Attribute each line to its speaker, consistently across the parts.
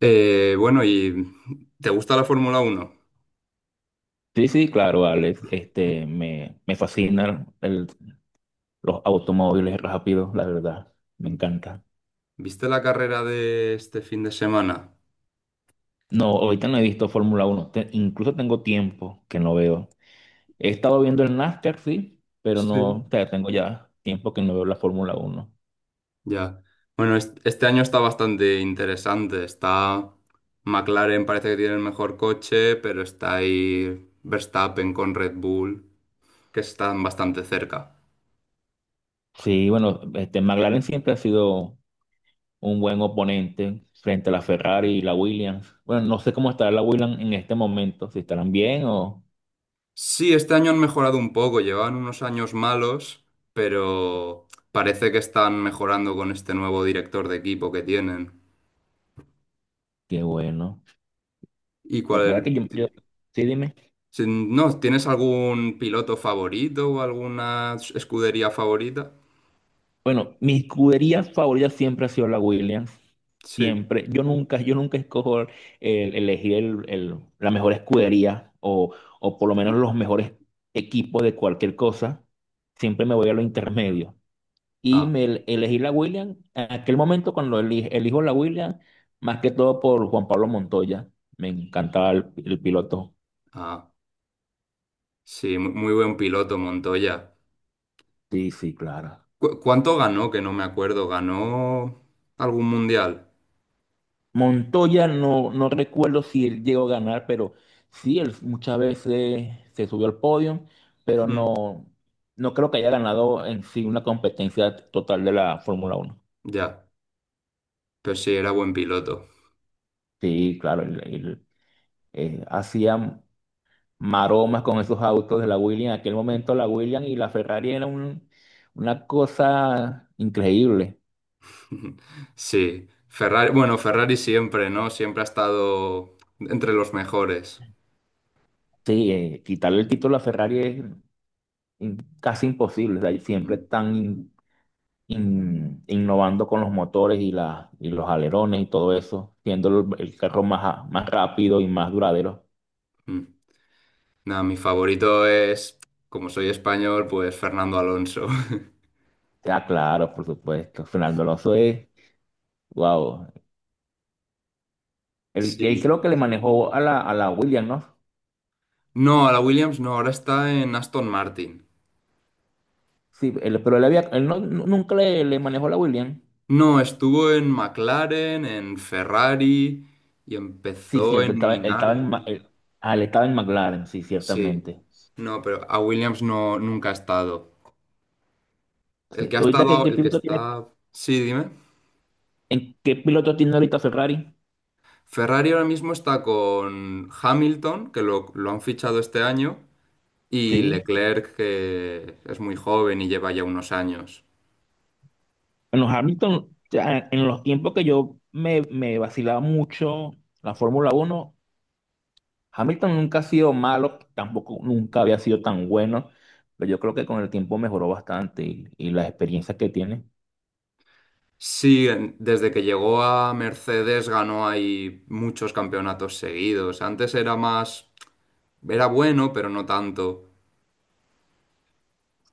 Speaker 1: Bueno, ¿y te gusta la Fórmula 1?
Speaker 2: Sí, sí, claro, Alex. Me fascinan los automóviles rápidos, la verdad. Me encanta.
Speaker 1: ¿Viste la carrera de este fin de semana?
Speaker 2: No, ahorita no he visto Fórmula Uno. Incluso tengo tiempo que no veo. He estado viendo el NASCAR, sí, pero no,
Speaker 1: Sí.
Speaker 2: o sea, tengo ya tiempo que no veo la Fórmula Uno.
Speaker 1: Ya. Bueno, este año está bastante interesante. Está McLaren, parece que tiene el mejor coche, pero está ahí Verstappen con Red Bull, que están bastante cerca.
Speaker 2: Sí, bueno, McLaren siempre ha sido un buen oponente frente a la Ferrari y la Williams. Bueno, no sé cómo estará la Williams en este momento, si estarán bien o.
Speaker 1: Sí, este año han mejorado un poco, llevaban unos años malos, pero parece que están mejorando con este nuevo director de equipo que tienen.
Speaker 2: Qué bueno.
Speaker 1: ¿Y
Speaker 2: Lo que pasa es
Speaker 1: cuál,
Speaker 2: que yo. Sí, dime.
Speaker 1: Si no, ¿tienes algún piloto favorito o alguna escudería favorita?
Speaker 2: Bueno, mis escuderías favoritas siempre ha sido la Williams.
Speaker 1: Sí.
Speaker 2: Siempre. Yo nunca escojo elegir la mejor escudería o por lo menos
Speaker 1: Mm.
Speaker 2: los mejores equipos de cualquier cosa. Siempre me voy a lo intermedio. Y
Speaker 1: Ah,
Speaker 2: me elegí la Williams. En aquel momento cuando elijo la Williams, más que todo por Juan Pablo Montoya. Me encantaba el piloto.
Speaker 1: ah, sí, muy buen piloto Montoya.
Speaker 2: Sí, sí, claro.
Speaker 1: ¿ cuánto ganó? Que no me acuerdo. ¿Ganó algún mundial?
Speaker 2: Montoya no recuerdo si él llegó a ganar, pero sí, él muchas veces se subió al podio, pero
Speaker 1: Mm.
Speaker 2: no creo que haya ganado en sí una competencia total de la Fórmula Uno.
Speaker 1: Ya, pero sí, era buen piloto.
Speaker 2: Sí, claro, él hacía maromas con esos autos de la Williams. En aquel momento la Williams y la Ferrari era una cosa increíble.
Speaker 1: Sí. Ferrari, bueno, Ferrari siempre, ¿no? Siempre ha estado entre los mejores.
Speaker 2: Sí, quitarle el título a Ferrari es casi imposible. O sea, siempre
Speaker 1: Mm,
Speaker 2: están innovando con los motores y los alerones y todo eso, siendo el carro más, más rápido y más duradero.
Speaker 1: mm. Nada, mi favorito es, como soy español, pues Fernando Alonso.
Speaker 2: Sea, claro, por supuesto. Fernando Alonso es, wow. Él
Speaker 1: Sí.
Speaker 2: creo que le manejó a la Williams, ¿no?
Speaker 1: No, a la Williams no, ahora está en Aston Martin.
Speaker 2: Sí, pero él, había, él no, nunca le manejó a la Williams.
Speaker 1: No, estuvo en McLaren, en Ferrari y
Speaker 2: Sí,
Speaker 1: empezó
Speaker 2: cierto,
Speaker 1: en
Speaker 2: él estaba en,
Speaker 1: Minardi.
Speaker 2: él estaba en McLaren, sí,
Speaker 1: Sí.
Speaker 2: ciertamente.
Speaker 1: No, pero a Williams no, nunca ha estado. El
Speaker 2: Sí.
Speaker 1: que ha
Speaker 2: Ahorita, ¿qué,
Speaker 1: estado,
Speaker 2: qué
Speaker 1: el que
Speaker 2: piloto tiene,
Speaker 1: está... Sí, dime.
Speaker 2: en, qué piloto tiene ahorita Ferrari?
Speaker 1: Ferrari ahora mismo está con Hamilton, que lo han fichado este año, y
Speaker 2: Sí.
Speaker 1: Leclerc, que es muy joven y lleva ya unos años.
Speaker 2: En los tiempos que yo me vacilaba mucho la Fórmula Uno. Hamilton nunca ha sido malo, tampoco nunca había sido tan bueno, pero yo creo que con el tiempo mejoró bastante y las experiencias que tiene.
Speaker 1: Sí, desde que llegó a Mercedes ganó ahí muchos campeonatos seguidos. Antes era más, era bueno, pero no tanto.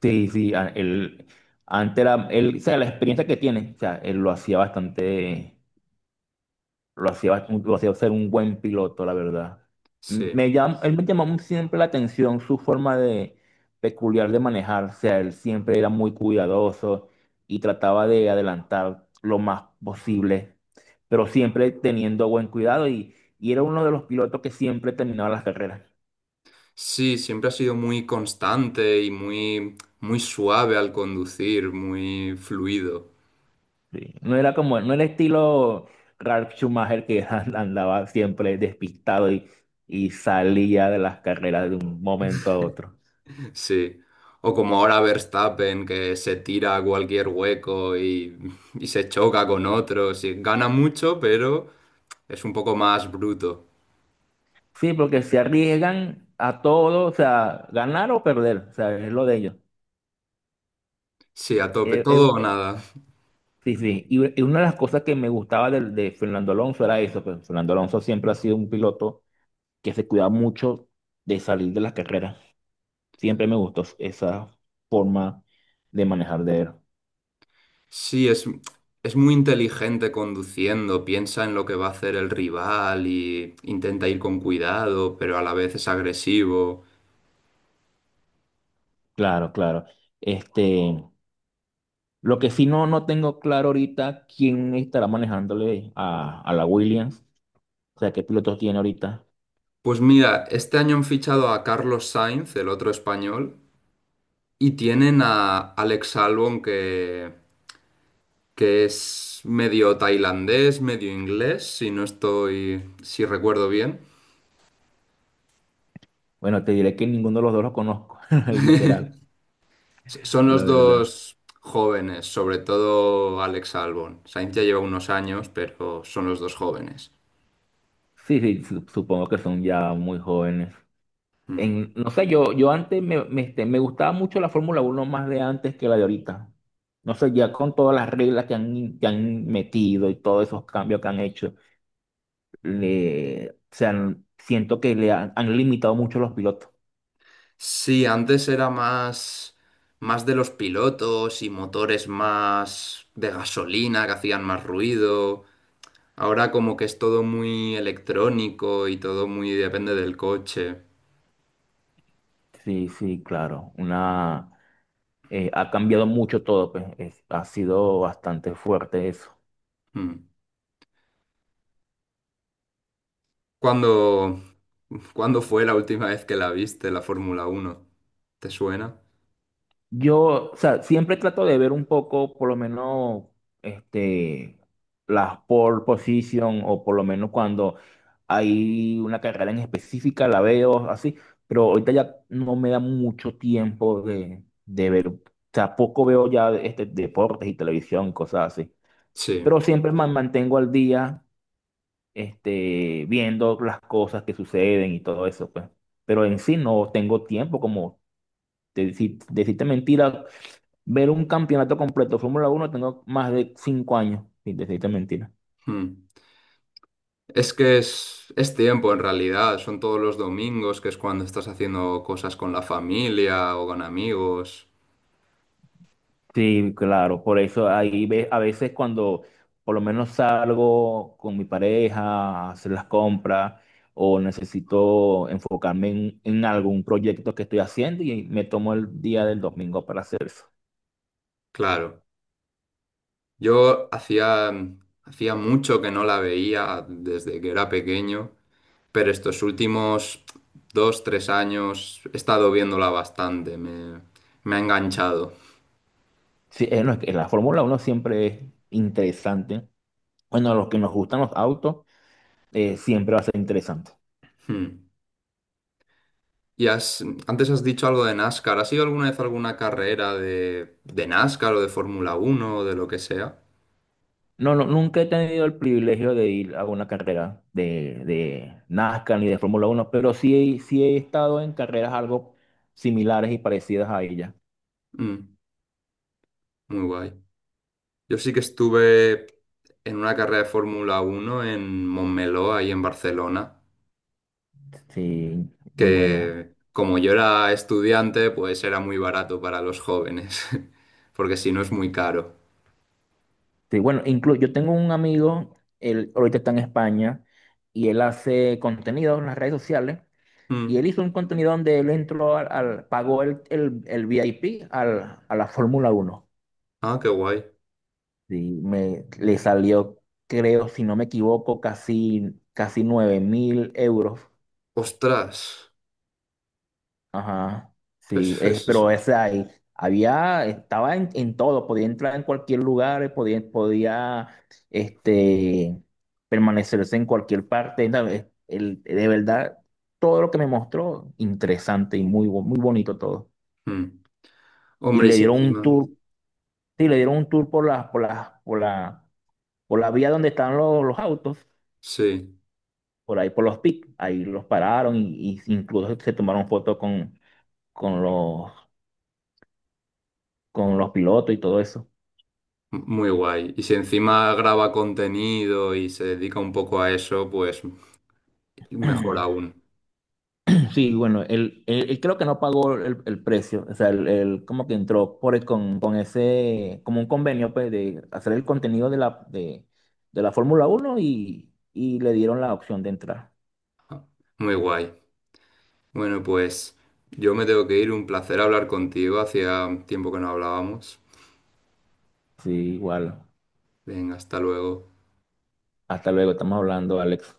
Speaker 2: Sí, sí, él, antes era, él, o sea, la experiencia que tiene, o sea, él lo hacía bastante. Lo hacía ser un buen piloto, la verdad.
Speaker 1: Sí.
Speaker 2: Él me llamó siempre la atención su forma de peculiar de manejar. O sea, él siempre era muy cuidadoso y trataba de adelantar lo más posible, pero siempre teniendo buen cuidado y era uno de los pilotos que siempre terminaba las carreras.
Speaker 1: Sí, siempre ha sido muy constante y muy suave al conducir, muy fluido.
Speaker 2: Sí. No era como, no era estilo Ralf Schumacher que andaba siempre despistado y salía de las carreras de un momento a otro.
Speaker 1: Sí. O como ahora Verstappen, que se tira a cualquier hueco y se choca con otros. Y gana mucho, pero es un poco más bruto.
Speaker 2: Sí, porque se arriesgan a todo, o sea, ganar o perder, o sea, es lo de ellos.
Speaker 1: Sí, a
Speaker 2: Eh,
Speaker 1: tope,
Speaker 2: eh,
Speaker 1: todo o
Speaker 2: eh,
Speaker 1: nada.
Speaker 2: sí, sí, y una de las cosas que me gustaba de Fernando Alonso era eso, que Fernando Alonso siempre ha sido un piloto que se cuida mucho de salir de las carreras. Siempre me gustó esa forma de manejar de él.
Speaker 1: Sí, es muy inteligente conduciendo, piensa en lo que va a hacer el rival y intenta ir con cuidado, pero a la vez es agresivo.
Speaker 2: Claro, claro. Este, lo que sí no tengo claro ahorita quién estará manejándole a la Williams, o sea, qué pilotos tiene ahorita.
Speaker 1: Pues mira, este año han fichado a Carlos Sainz, el otro español, y tienen a Alex Albon que es medio tailandés, medio inglés, si recuerdo bien.
Speaker 2: Bueno, te diré que ninguno de los dos los conozco, literal,
Speaker 1: Son
Speaker 2: la
Speaker 1: los
Speaker 2: verdad.
Speaker 1: dos jóvenes, sobre todo Alex Albon. Sainz ya lleva unos años, pero son los dos jóvenes.
Speaker 2: Sí, sí, supongo que son ya muy jóvenes.
Speaker 1: Mm.
Speaker 2: En, no sé, yo antes me gustaba mucho la Fórmula Uno más de antes que la de ahorita. No sé, ya con todas las reglas que han metido y todos esos cambios que han hecho, le, o sea, siento que le han limitado mucho los pilotos.
Speaker 1: Sí, antes era más, más de los pilotos y motores más de gasolina que hacían más ruido. Ahora como que es todo muy electrónico y todo muy depende del coche.
Speaker 2: Sí, sí, claro. Ha cambiado mucho todo, pues. Ha sido bastante fuerte eso.
Speaker 1: Mm. ¿Cuándo, ¿cuándo fue la última vez que la viste, la Fórmula 1? ¿Te suena?
Speaker 2: Yo, o sea, siempre trato de ver un poco, por lo menos, este, las pole position, o por lo menos cuando hay una carrera en específica, la veo así, pero ahorita ya no me da mucho tiempo de ver, o sea, poco veo ya deportes y televisión, cosas así,
Speaker 1: Sí.
Speaker 2: pero siempre me mantengo al día, viendo las cosas que suceden y todo eso, pues, pero en sí no tengo tiempo como decirte mentira, ver un campeonato completo de Fórmula Uno tengo más de 5 años, sin decirte mentira.
Speaker 1: Mm. Es que es tiempo en realidad, son todos los domingos, que es cuando estás haciendo cosas con la familia o con amigos.
Speaker 2: Sí, claro, por eso ahí ve, a veces cuando por lo menos salgo con mi pareja a hacer las compras o necesito enfocarme en algún proyecto que estoy haciendo y me tomo el día del domingo para hacer eso.
Speaker 1: Claro. Yo hacía, hacía mucho que no la veía desde que era pequeño, pero estos últimos dos, tres años he estado viéndola bastante, me ha enganchado.
Speaker 2: Sí, no, es que la Fórmula Uno siempre es interesante. Bueno, a los que nos gustan los autos, siempre va a ser interesante.
Speaker 1: Hmm. Antes has dicho algo de NASCAR, ¿has ido alguna vez a alguna carrera de NASCAR o de Fórmula 1 o de lo que sea?
Speaker 2: No, no, nunca he tenido el privilegio de ir a una carrera de NASCAR ni de Fórmula Uno, pero sí, sí he estado en carreras algo similares y parecidas a ella.
Speaker 1: Mm, muy guay. Yo sí que estuve en una carrera de Fórmula 1 en Montmeló, ahí en Barcelona,
Speaker 2: Sí, muy buena.
Speaker 1: que como yo era estudiante, pues era muy barato para los jóvenes, porque si no es muy caro.
Speaker 2: Sí, bueno, incluso yo tengo un amigo, él ahorita está en España y él hace contenido en las redes sociales y
Speaker 1: Mm.
Speaker 2: él hizo un contenido donde él entró pagó el VIP a la Fórmula Uno.
Speaker 1: Ah, qué guay.
Speaker 2: Sí, le salió, creo, si no me equivoco, casi, casi 9 mil euros.
Speaker 1: Ostras,
Speaker 2: Ajá,
Speaker 1: pues
Speaker 2: sí, es,
Speaker 1: eso es...
Speaker 2: pero ese ahí, había, estaba en, todo, podía entrar en cualquier lugar, podía, este, permanecerse en cualquier parte. No, de verdad, todo lo que me mostró, interesante y muy bonito todo.
Speaker 1: Mm.
Speaker 2: Y
Speaker 1: Hombre, y
Speaker 2: le
Speaker 1: si
Speaker 2: dieron un
Speaker 1: encima...
Speaker 2: tour, sí, le dieron un tour por la vía donde están los autos.
Speaker 1: Sí,
Speaker 2: Por ahí por los PIC. Ahí los pararon y incluso se tomaron fotos con los con los pilotos y todo eso.
Speaker 1: muy guay. Y si encima graba contenido y se dedica un poco a eso, pues mejor aún.
Speaker 2: Sí, bueno, él creo que no pagó el precio, o sea, él como que entró con ese, como un convenio, pues, de hacer el contenido de la Fórmula Uno y le dieron la opción de entrar.
Speaker 1: Muy guay. Bueno, pues yo me tengo que ir. Un placer hablar contigo. Hacía tiempo que no hablábamos.
Speaker 2: Sí, igual.
Speaker 1: Venga, hasta luego.
Speaker 2: Hasta luego, estamos hablando, Alex.